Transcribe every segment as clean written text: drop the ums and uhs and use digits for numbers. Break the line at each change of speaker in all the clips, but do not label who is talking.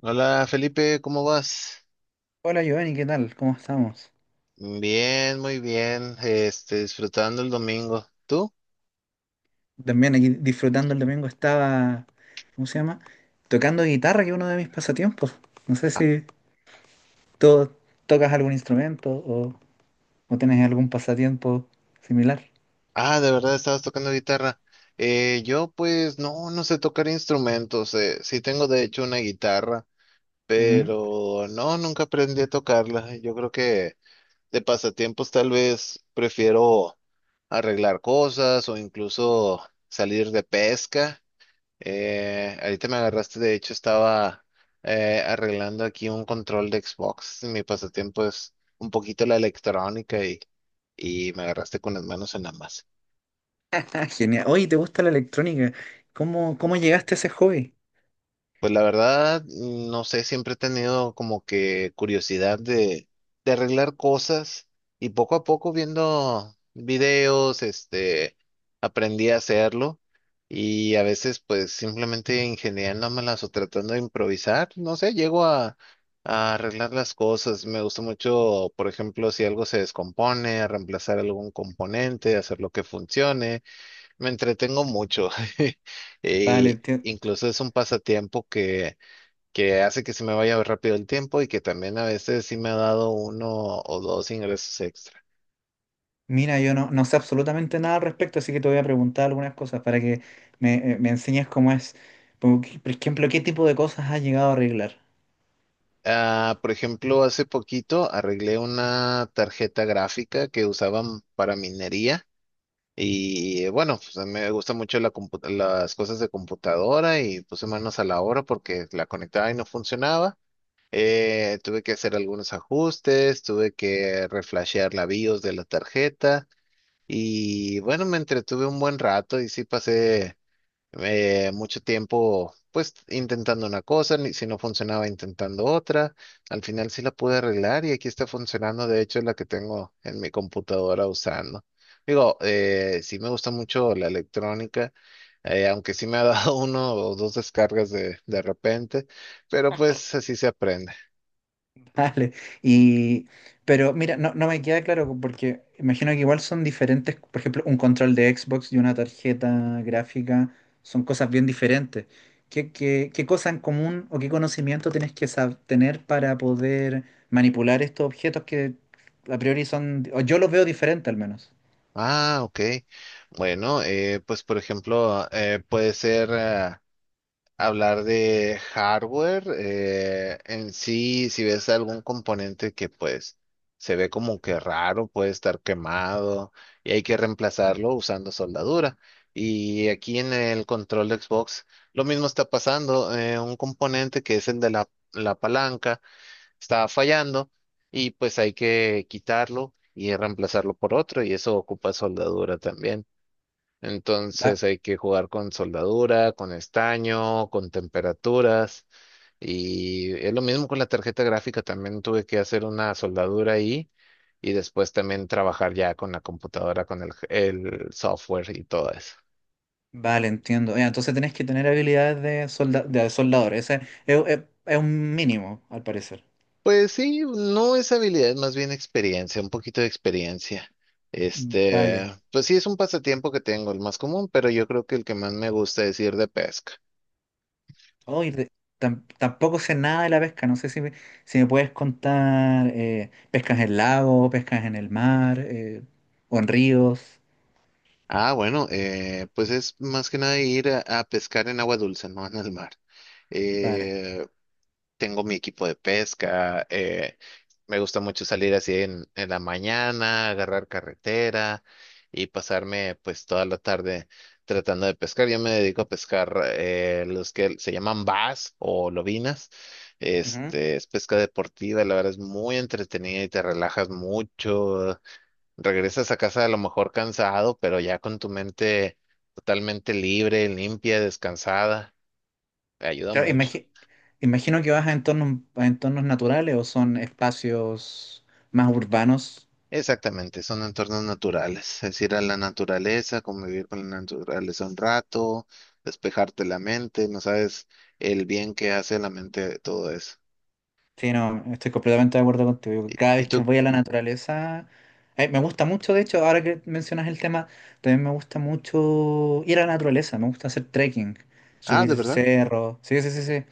Hola Felipe, ¿cómo vas?
Hola Giovanni, ¿qué tal? ¿Cómo estamos?
Bien, muy bien. Este, disfrutando el domingo. ¿Tú?
También aquí disfrutando el domingo estaba, ¿cómo se llama? Tocando guitarra, que es uno de mis pasatiempos. No sé
Ah,
si tú tocas algún instrumento o tienes algún pasatiempo similar.
ah, de verdad estabas tocando guitarra. Yo pues no, no sé tocar instrumentos. Sí tengo de hecho una guitarra,
Ujú.
pero no, nunca aprendí a tocarla. Yo creo que de pasatiempos tal vez prefiero arreglar cosas o incluso salir de pesca. Ahorita me agarraste, de hecho estaba arreglando aquí un control de Xbox. Mi pasatiempo es un poquito la electrónica y me agarraste con las manos en la masa.
Ah, genial. Oye, ¿te gusta la electrónica? ¿Cómo llegaste a ese hobby?
Pues la verdad, no sé, siempre he tenido como que curiosidad de arreglar cosas y poco a poco viendo videos, este, aprendí a hacerlo y a veces pues simplemente ingeniándomelas o tratando de improvisar, no sé, llego a arreglar las cosas. Me gusta mucho, por ejemplo, si algo se descompone, reemplazar algún componente, hacer lo que funcione. Me entretengo mucho.
Vale,
E
enti-
incluso es un pasatiempo que hace que se me vaya rápido el tiempo y que también a veces sí me ha dado uno o dos ingresos extra.
Mira, yo no, no sé absolutamente nada al respecto, así que te voy a preguntar algunas cosas para que me enseñes cómo es. Como que, por ejemplo, ¿qué tipo de cosas has llegado a arreglar?
Ah, por ejemplo, hace poquito arreglé una tarjeta gráfica que usaban para minería y bueno, pues, a mí me gusta mucho la las cosas de computadora y puse manos a la obra porque la conectaba y no funcionaba. Tuve que hacer algunos ajustes, tuve que reflashear la BIOS de la tarjeta y bueno, me entretuve un buen rato y sí pasé mucho tiempo pues intentando una cosa, si no funcionaba intentando otra. Al final sí la pude arreglar y aquí está funcionando, de hecho es la que tengo en mi computadora usando. Digo, sí me gusta mucho la electrónica, aunque sí me ha dado uno o dos descargas de repente, pero pues así se aprende.
Dale. Y, pero mira, no, no me queda claro porque imagino que igual son diferentes, por ejemplo, un control de Xbox y una tarjeta gráfica son cosas bien diferentes. ¿Qué cosa en común o qué conocimiento tienes que tener para poder manipular estos objetos que a priori son, o yo los veo diferente al menos?
Ah, ok. Bueno, pues por ejemplo, puede ser hablar de hardware en sí, si ves algún componente que pues se ve como que raro, puede estar quemado y hay que reemplazarlo usando soldadura. Y aquí en el control de Xbox, lo mismo está pasando, un componente que es el de la palanca estaba fallando y pues hay que quitarlo y reemplazarlo por otro y eso ocupa soldadura también.
Va-
Entonces hay que jugar con soldadura, con estaño, con temperaturas y es lo mismo con la tarjeta gráfica, también tuve que hacer una soldadura ahí y después también trabajar ya con la computadora, con el software y todo eso.
vale, entiendo. Ya, entonces tenés que tener habilidades de soldador. Ese es un mínimo, al parecer.
Pues sí, no es habilidad, más bien experiencia, un poquito de experiencia.
Vale.
Este, pues sí, es un pasatiempo que tengo, el más común, pero yo creo que el que más me gusta es ir de pesca.
Oh, tampoco sé nada de la pesca, no sé si si me puedes contar pescas en lago, pescas en el mar o en ríos.
Ah, bueno, pues es más que nada ir a pescar en agua dulce, no en el mar.
Vale.
Eh, Tengo mi equipo de pesca, me gusta mucho salir así en la mañana, agarrar carretera y pasarme pues toda la tarde tratando de pescar. Yo me dedico a pescar los que se llaman bass o lobinas.
Ujú.
Este, es pesca deportiva, la verdad es muy entretenida y te relajas mucho. Regresas a casa a lo mejor cansado, pero ya con tu mente totalmente libre, limpia, descansada. Te ayuda
Claro,
mucho.
imagino que vas a entornos naturales o son espacios más urbanos.
Exactamente, son entornos naturales, es ir a la naturaleza, convivir con la naturaleza un rato, despejarte la mente, no sabes el bien que hace a la mente de todo eso.
Sí, no, estoy completamente de acuerdo contigo. Cada
¿Y
vez que
tú?
voy a la naturaleza, me gusta mucho, de hecho, ahora que mencionas el tema, también me gusta mucho ir a la naturaleza, me gusta hacer trekking,
Ah, ¿de
subir
verdad?
cerros. Sí, sí, sí, sí.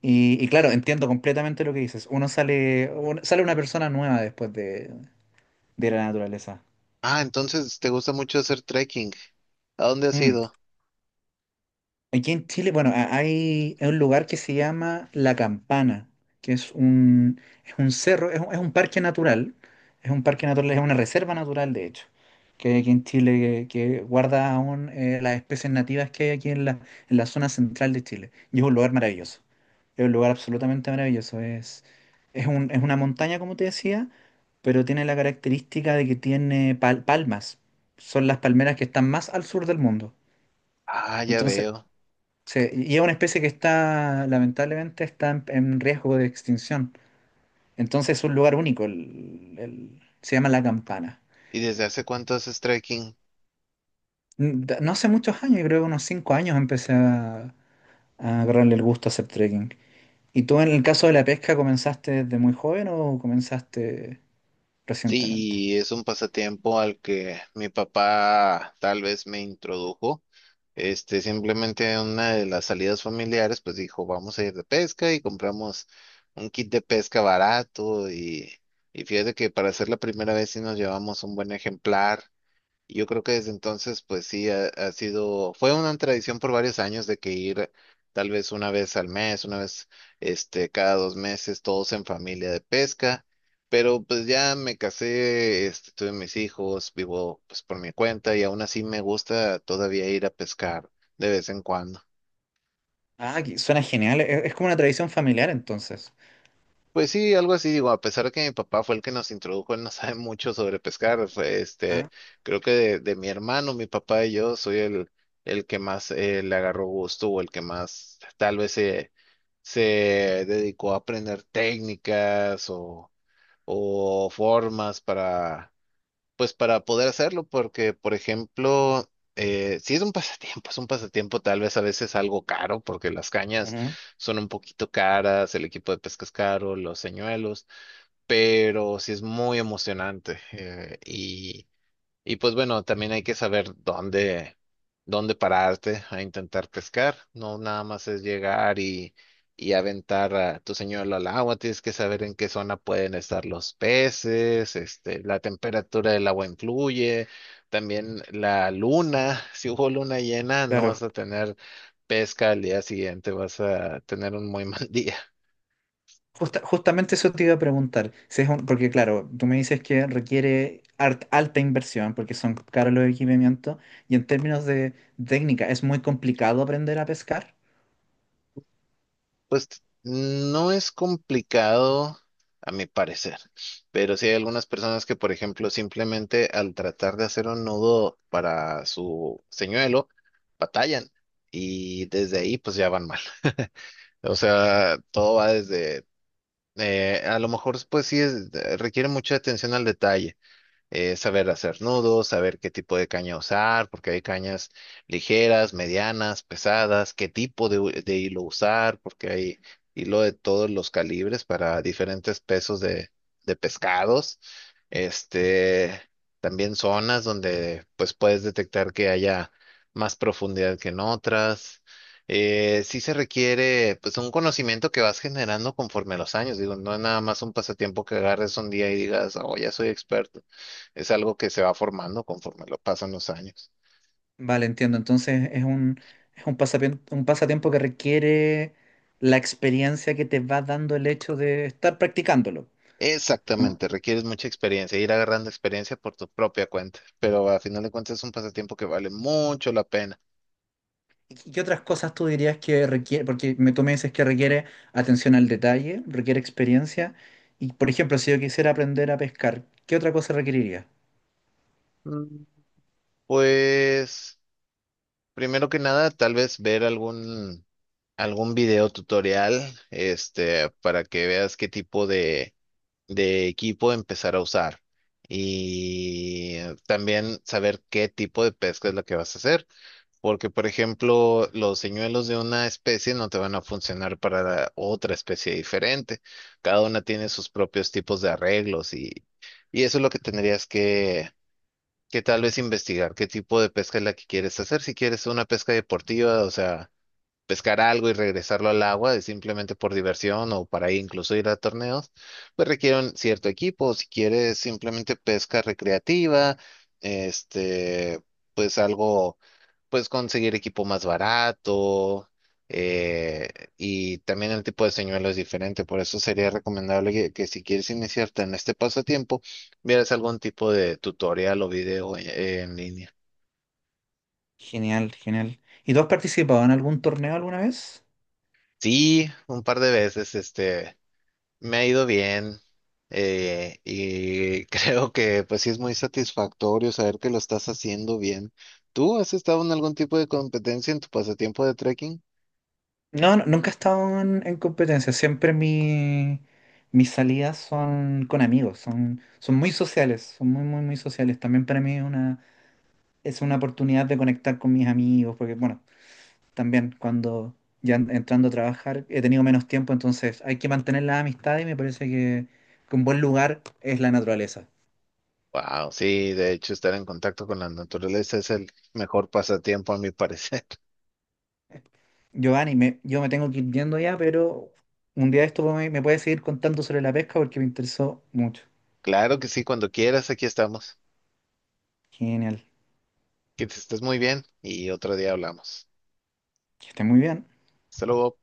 Y claro, entiendo completamente lo que dices. Uno sale, sale una persona nueva después de la naturaleza.
Ah, entonces te gusta mucho hacer trekking. ¿A dónde has
Mm.
ido?
Aquí en Chile, bueno, hay un lugar que se llama La Campana, que es un cerro, es un parque natural, es una reserva natural, de hecho, que hay aquí en Chile, que guarda aún las especies nativas que hay aquí en en la zona central de Chile. Y es un lugar maravilloso, es un lugar absolutamente maravilloso. Es una montaña, como te decía, pero tiene la característica de que tiene palmas. Son las palmeras que están más al sur del mundo.
Ah, ya
Entonces.
veo.
Sí, y es una especie que está, lamentablemente, está en riesgo de extinción. Entonces es un lugar único, se llama La Campana.
¿Y desde hace cuánto haces trekking?
No hace muchos años, yo creo que unos 5 años, empecé a agarrarle el gusto a hacer trekking. ¿Y tú en el caso de la pesca comenzaste desde muy joven o comenzaste recientemente?
Sí, y es un pasatiempo al que mi papá tal vez me introdujo. Este, simplemente una de las salidas familiares, pues dijo, vamos a ir de pesca y compramos un kit de pesca barato y fíjate que para hacer la primera vez sí nos llevamos un buen ejemplar y yo creo que desde entonces, pues sí, ha sido, fue una tradición por varios años de que ir tal vez una vez al mes, una vez, este, cada dos meses, todos en familia de pesca, pero pues ya me casé, este, tuve mis hijos, vivo pues por mi cuenta y aún así me gusta todavía ir a pescar de vez en cuando.
Ah, suena genial, es como una tradición familiar entonces.
Pues sí, algo así, digo, a pesar de que mi papá fue el que nos introdujo, él no sabe mucho sobre pescar, fue este,
Ah,
creo que de mi hermano, mi papá y yo, soy el que más le agarró gusto o el que más tal vez se dedicó a aprender técnicas o formas para pues para poder hacerlo, porque, por ejemplo, si es un pasatiempo, es un pasatiempo tal vez a veces algo caro, porque las cañas
ujú.
son un poquito caras, el equipo de pesca es caro, los señuelos, pero sí es muy emocionante. Y y pues bueno, también hay que saber dónde pararte a intentar pescar. No nada más es llegar y aventar a tu señuelo al agua. Tienes que saber en qué zona pueden estar los peces, este, la temperatura del agua influye, también la luna. Si hubo luna llena, no
Claro.
vas a tener pesca al día siguiente, vas a tener un muy mal día.
Justamente eso te iba a preguntar, si es porque claro, tú me dices que requiere alta inversión porque son caros los equipamientos y en términos de técnica es muy complicado aprender a pescar.
Pues no es complicado, a mi parecer, pero sí hay algunas personas que, por ejemplo, simplemente al tratar de hacer un nudo para su señuelo, batallan y desde ahí pues ya van mal. O sea, todo va desde, a lo mejor pues sí requiere mucha atención al detalle saber hacer nudos, saber qué tipo de caña usar, porque hay cañas ligeras, medianas, pesadas, qué tipo de, de hilo usar, porque hay hilo de todos los calibres para diferentes pesos de pescados. Este, también zonas donde pues puedes detectar que haya más profundidad que en otras. Sí se requiere pues un conocimiento que vas generando conforme a los años. Digo, no es nada más un pasatiempo que agarres un día y digas, oh, ya soy experto. Es algo que se va formando conforme lo pasan los años.
Vale, entiendo. Entonces es un pasatiempo que requiere la experiencia que te va dando el hecho de estar practicándolo. ¿No?
Exactamente, requieres mucha experiencia, ir agarrando experiencia por tu propia cuenta, pero a final de cuentas es un pasatiempo que vale mucho la pena.
¿Y qué otras cosas tú dirías que requiere? Tú me dices que requiere atención al detalle, requiere experiencia. Y, por ejemplo, si yo quisiera aprender a pescar, ¿qué otra cosa requeriría?
Mm, pues, primero que nada, tal vez ver algún video tutorial, este, para que veas qué tipo de equipo empezar a usar y también saber qué tipo de pesca es la que vas a hacer. Porque, por ejemplo, los señuelos de una especie no te van a funcionar para la otra especie diferente. Cada una tiene sus propios tipos de arreglos y eso es lo que tendrías que tal vez investigar, qué tipo de pesca es la que quieres hacer, si quieres una pesca deportiva, o sea pescar algo y regresarlo al agua, es simplemente por diversión o para incluso ir a torneos, pues requiere un cierto equipo. Si quieres simplemente pesca recreativa, este, pues algo, pues conseguir equipo más barato. eh, y también el tipo de señuelo es diferente, por eso sería recomendable que si quieres iniciarte en este pasatiempo, vieras algún tipo de tutorial o video en línea.
Genial, genial. ¿Y tú has participado en algún torneo alguna vez?
Sí, un par de veces, este. Me ha ido bien y creo que pues sí es muy satisfactorio saber que lo estás haciendo bien. ¿Tú has estado en algún tipo de competencia en tu pasatiempo de trekking?
No, no, nunca he estado en competencia. Siempre mis salidas son con amigos, son muy sociales, son muy, muy, muy sociales. También para mí es una oportunidad de conectar con mis amigos, porque, bueno, también cuando ya entrando a trabajar he tenido menos tiempo, entonces hay que mantener la amistad y me parece que un buen lugar es la naturaleza.
Wow, sí, de hecho estar en contacto con la naturaleza es el mejor pasatiempo a mi parecer.
Giovanni, yo me tengo que ir yendo ya, pero un día de esto me puedes seguir contando sobre la pesca porque me interesó mucho.
Claro que sí, cuando quieras, aquí estamos.
Genial.
Que te estés muy bien y otro día hablamos.
Que esté muy bien.
Hasta luego.